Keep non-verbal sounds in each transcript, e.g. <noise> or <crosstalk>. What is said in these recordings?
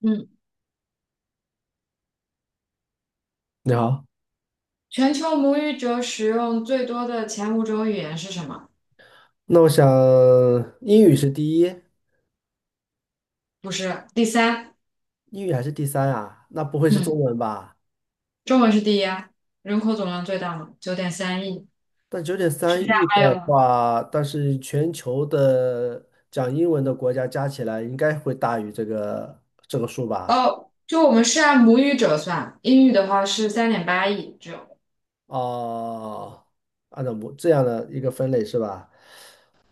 嗯，你好，全球母语者使用最多的前五种语言是什么？那我想英语是第一，不是，第三，英语还是第三啊？那不会是中嗯，文吧？中文是第一啊，人口总量最大嘛，9.3亿，但九点三剩下亿还有的吗，话，但是全球的讲英文的国家加起来应该会大于这个数吧？哦，就我们是按母语者算，英语的话是3.8亿，只有，哦，按照我这样的一个分类是吧？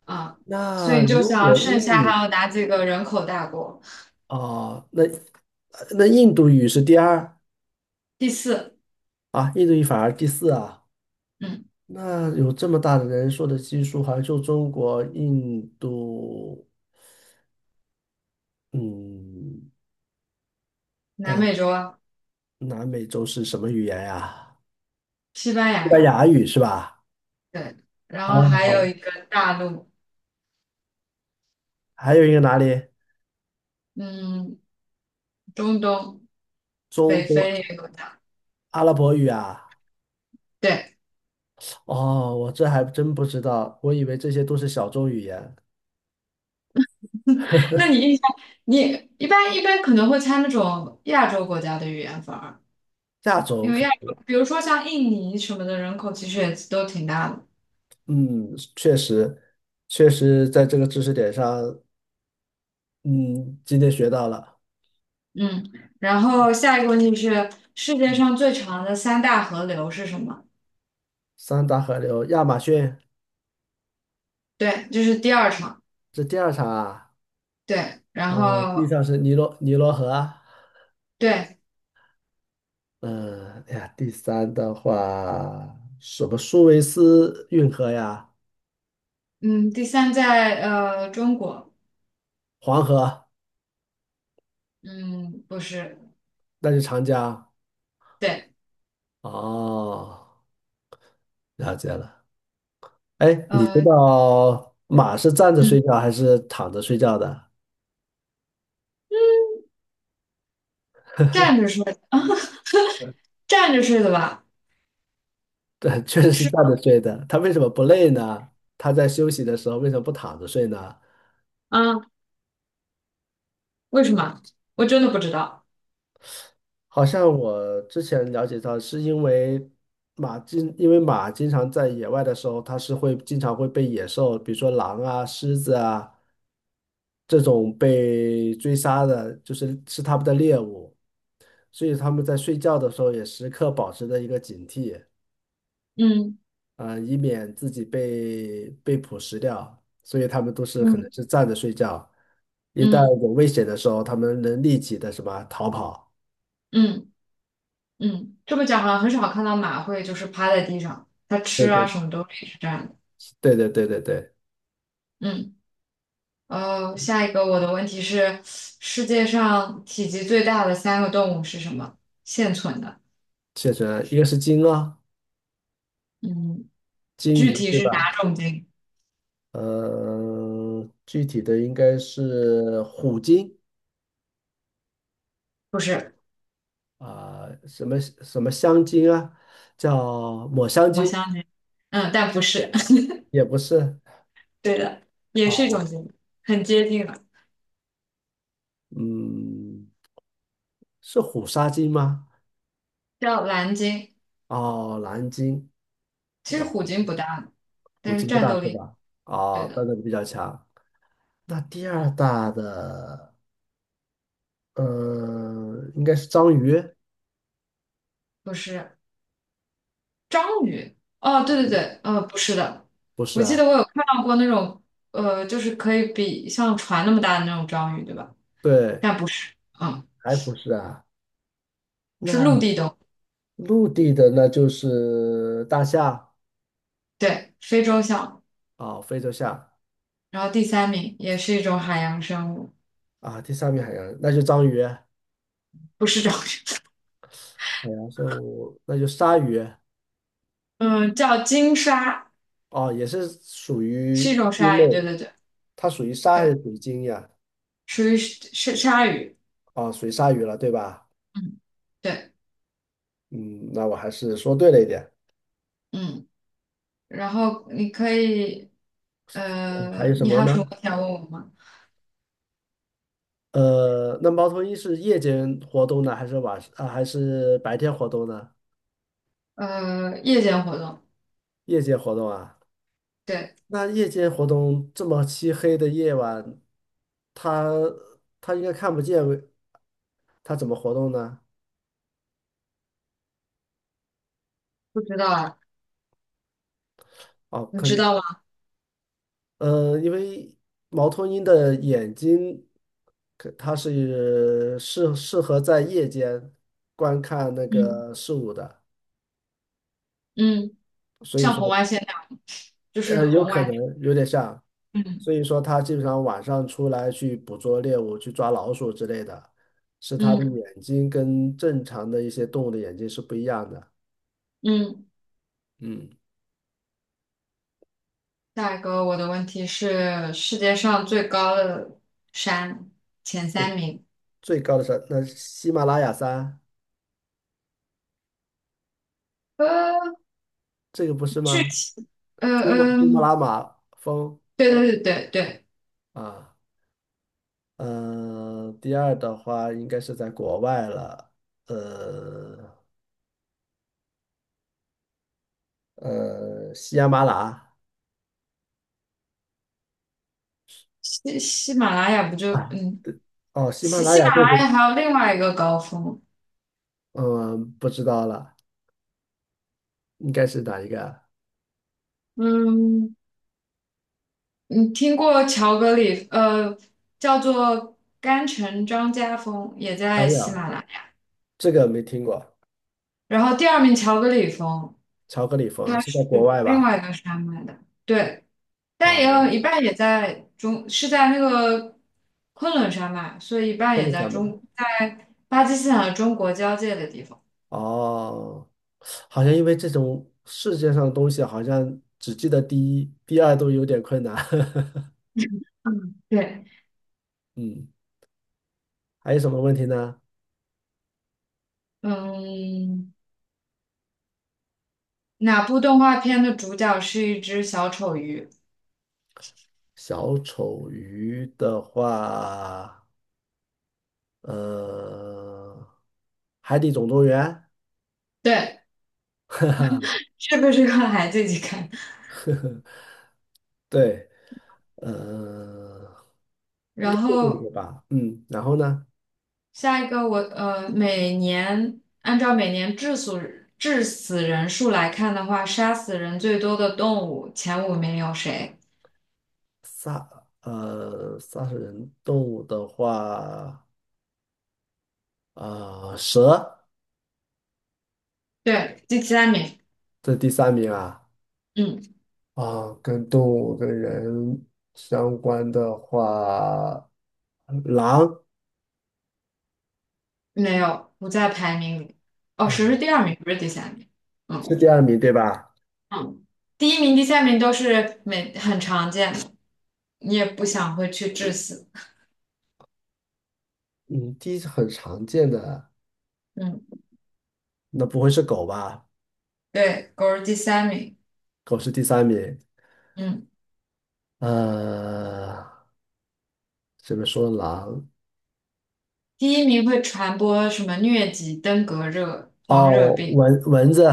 啊，所那以你就如想果英剩下还语有哪几个人口大国？啊，那呃那印度语是第二第四，啊，印度语反而第四啊。嗯，那有这么大的人数的基数，好像就中国、印度。嗯。南呃，美洲啊，南美洲是什么语言呀？西班西牙班语，牙语是吧？对，然后还有哦，一个大陆，还有一个哪里？嗯，中东，中北东非也有的，阿拉伯语啊？对。哦，我这还真不知道，我以为这些都是小众语言。那你印象，你一般可能会猜那种亚洲国家的语言，反而亚洲因为可，亚洲，比如说像印尼什么的人口其实也都挺大的，嗯，确实，确实在这个知识点上。嗯，今天学到了嗯。然后下一个问题是，世界上最长的三大河流是什么？三大河流，亚马逊，对，这是第二场，这第二场啊。对。然第后三是尼罗河啊。对，嗯、哎呀，第三的话，什么苏维斯运河呀，嗯，第三在中国，黄河，嗯，不是，那是长江。对，哦，了解了。哎，你知呃，道马是站着睡嗯，觉还是躺着睡觉的？站着睡，站着睡的吧？对，确实是是站着吗？睡的。它为什么不累呢？它在休息的时候为什么不躺着睡呢？啊，为什么？我真的不知道。好像我之前了解到，是因为马经常在野外的时候，它是会经常会被野兽，比如说狼啊、狮子啊这种被追杀的，就是它们的猎物，所以它们在睡觉的时候也时刻保持着一个警惕。嗯以免自己被捕食掉。所以它们都是可能嗯。是站着睡觉，一旦嗯有危险的时候，它们能立即的什么逃跑。嗯嗯，这么讲好像很少看到马会就是趴在地上，它对吃啊对什么都是这样的。对对对对对。嗯，下一个我的问题是，世界上体积最大的三个动物是什么？现存的。蟹水，一个是鲸啊，嗯，鲸具鱼体对是哪吧？种鲸？嗯、具体的应该是虎鲸不是，啊、什么什么香鲸啊，叫抹香我鲸相信。嗯，但不是。<laughs> 也不是 对的，也是一种 <laughs>，鲸，很接近了，嗯，是虎鲨鲸吗？叫蓝鲸。哦，蓝鲸其啊，实虎鲸不大，虎但是鲸不战大斗是力，吧？对哦，但的，力比较强。那第二大的，嗯、应该是章鱼，不是。章鱼。哦，对对对，不是的，不是我记得啊？我有看到过那种，就是可以比像船那么大的那种章鱼，对吧？对，但不是，啊，还不是啊？是陆那。地动物，陆地的那就是大象对，非洲象。啊，非洲象然后第三名也是一种海洋生物，啊，第三名海洋那就章鱼，海不是章鱼，洋生物那就鲨鱼。嗯，叫鲸鲨，哦，也是属是一于种鲸鲨类，鱼，对对对它属于鲨还是对，属于鲸呀？属于是鲨鱼，哦，属于鲨鱼了，对吧？嗯，对，嗯，那我还是说对了一点。嗯，然后你可以，嗯还有什你还么有呢？什么想问我吗？那猫头鹰是夜间活动呢，还是晚上啊，还是白天活动呢？夜间活动，夜间活动啊？对，那夜间活动这么漆黑的夜晚，它它应该看不见，它怎么活动呢？不知道啊。哦，你知肯，道吗？因为猫头鹰的眼睛，可它是适合在夜间观看那嗯个事物的，嗯，所以像说，红外线那样，就是有红可外。能有点像，嗯所以说它基本上晚上出来去捕捉猎物，去抓老鼠之类的，是它的嗯眼睛跟正常的一些动物的眼睛是不一样的。嗯。嗯。下一个我的问题是世界上最高的山前对，三名。最高的山，那喜马拉雅山，呃，这个不是具吗？体，呃珠穆珠穆嗯，朗玛峰对对对对对，啊。第二的话应该是在国外了，呃喜马拉雅喜马拉雅不就啊，嗯，哦，喜马喜拉喜雅马就拉是，雅还有另外一个高峰，嗯，不知道了，应该是哪一个啊？嗯，你听过乔格里叫做甘城张家峰，也哎在喜呀，马拉雅。这个没听过，然后第二名乔格里峰，巧克力峰它是在是国外另吧？外一个山脉的，对，但也哦，有一半也在中，是在那个昆仑山脉，所以一半昆也士在兰吗？中，在巴基斯坦和中国交界的地方。哦。好像因为这种世界上的东西，好像只记得第一、第二都有点困难。<laughs> 嗯，对，嗯，还有什么问题呢？嗯，哪部动画片的主角是一只小丑鱼？小丑鱼的话，呃，海底总动员，对，是不是个孩子一起看。对。呃，应然该就这后个吧。嗯，然后呢，下一个我，每年按照每年致死人数来看的话，杀死人最多的动物前五名有谁？杀杀死人动物的话，啊、蛇，对，第三名，这第三名啊。嗯，啊，跟动物跟人相关的话，狼没有，不在排名里。哦，谁是啊第二名，不是第三名。嗯是第二名对吧？嗯，第一名、第三名都是每很常见的，你也不想会去致死。嗯，第一是很常见的，嗯，那不会是狗吧？对，狗是第三名。狗是第三名。嗯，呃，这边说狼？第一名会传播什么疟疾、登革热、黄热哦，病。蚊子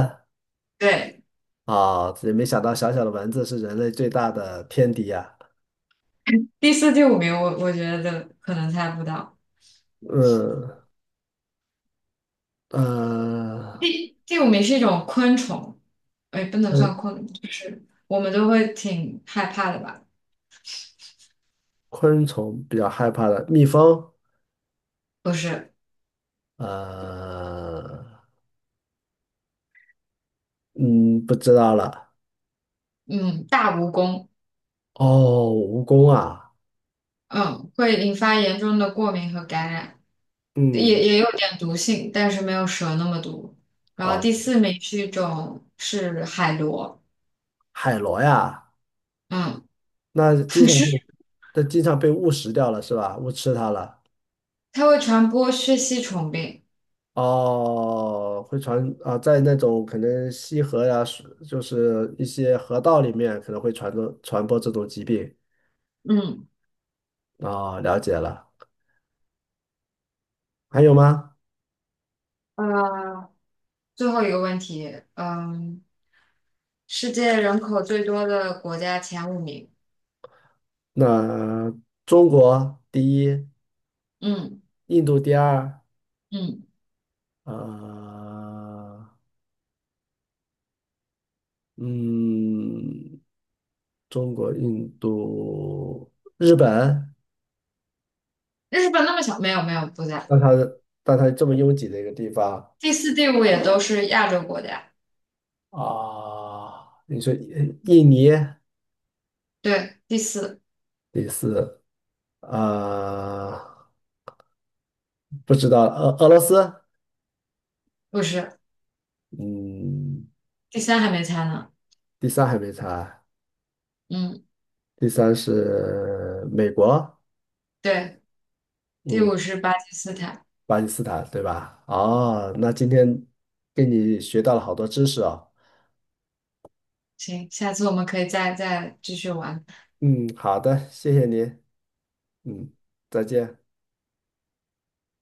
对，啊，也没想到小小的蚊子是人类最大的天敌呀、第四、第五名我觉得可能猜不到。嗯呃，第五名是一种昆虫，哎，不能算嗯，昆，就是我们都会挺害怕的吧？昆虫比较害怕的，蜜蜂。不是。呃，嗯，不知道了。嗯，大蜈蚣，哦，蜈蚣啊，嗯，会引发严重的过敏和感染，也嗯，也有点毒性，但是没有蛇那么毒。然后啊，第四名是一种是海螺，海螺呀，嗯，那经 <laughs> 常会，是那经常被误食掉了是吧？误吃它了。它会传播血吸虫病。哦，会传啊，在那种可能溪河呀，水就是一些河道里面，可能会传播这种疾病。嗯，哦，了解了。还有吗？呃，最后一个问题，嗯，世界人口最多的国家前五名，那中国第一，嗯印度第二，嗯，呃，嗯，中国、印度、日本。日本那么小，没有没有不在，那它的，那它这么拥挤的一个地方第四、第五也都是亚洲国家，啊，你说印尼对，第四第四啊，不知道俄罗斯，不是，嗯，第三还没猜呢。第三还没猜，嗯。第三是美国，对，第嗯，五是巴基斯坦。巴基斯坦对吧？哦，那今天跟你学到了好多知识哦，行，下次我们可以再继续玩。嗯，好的，谢谢你，嗯，再见。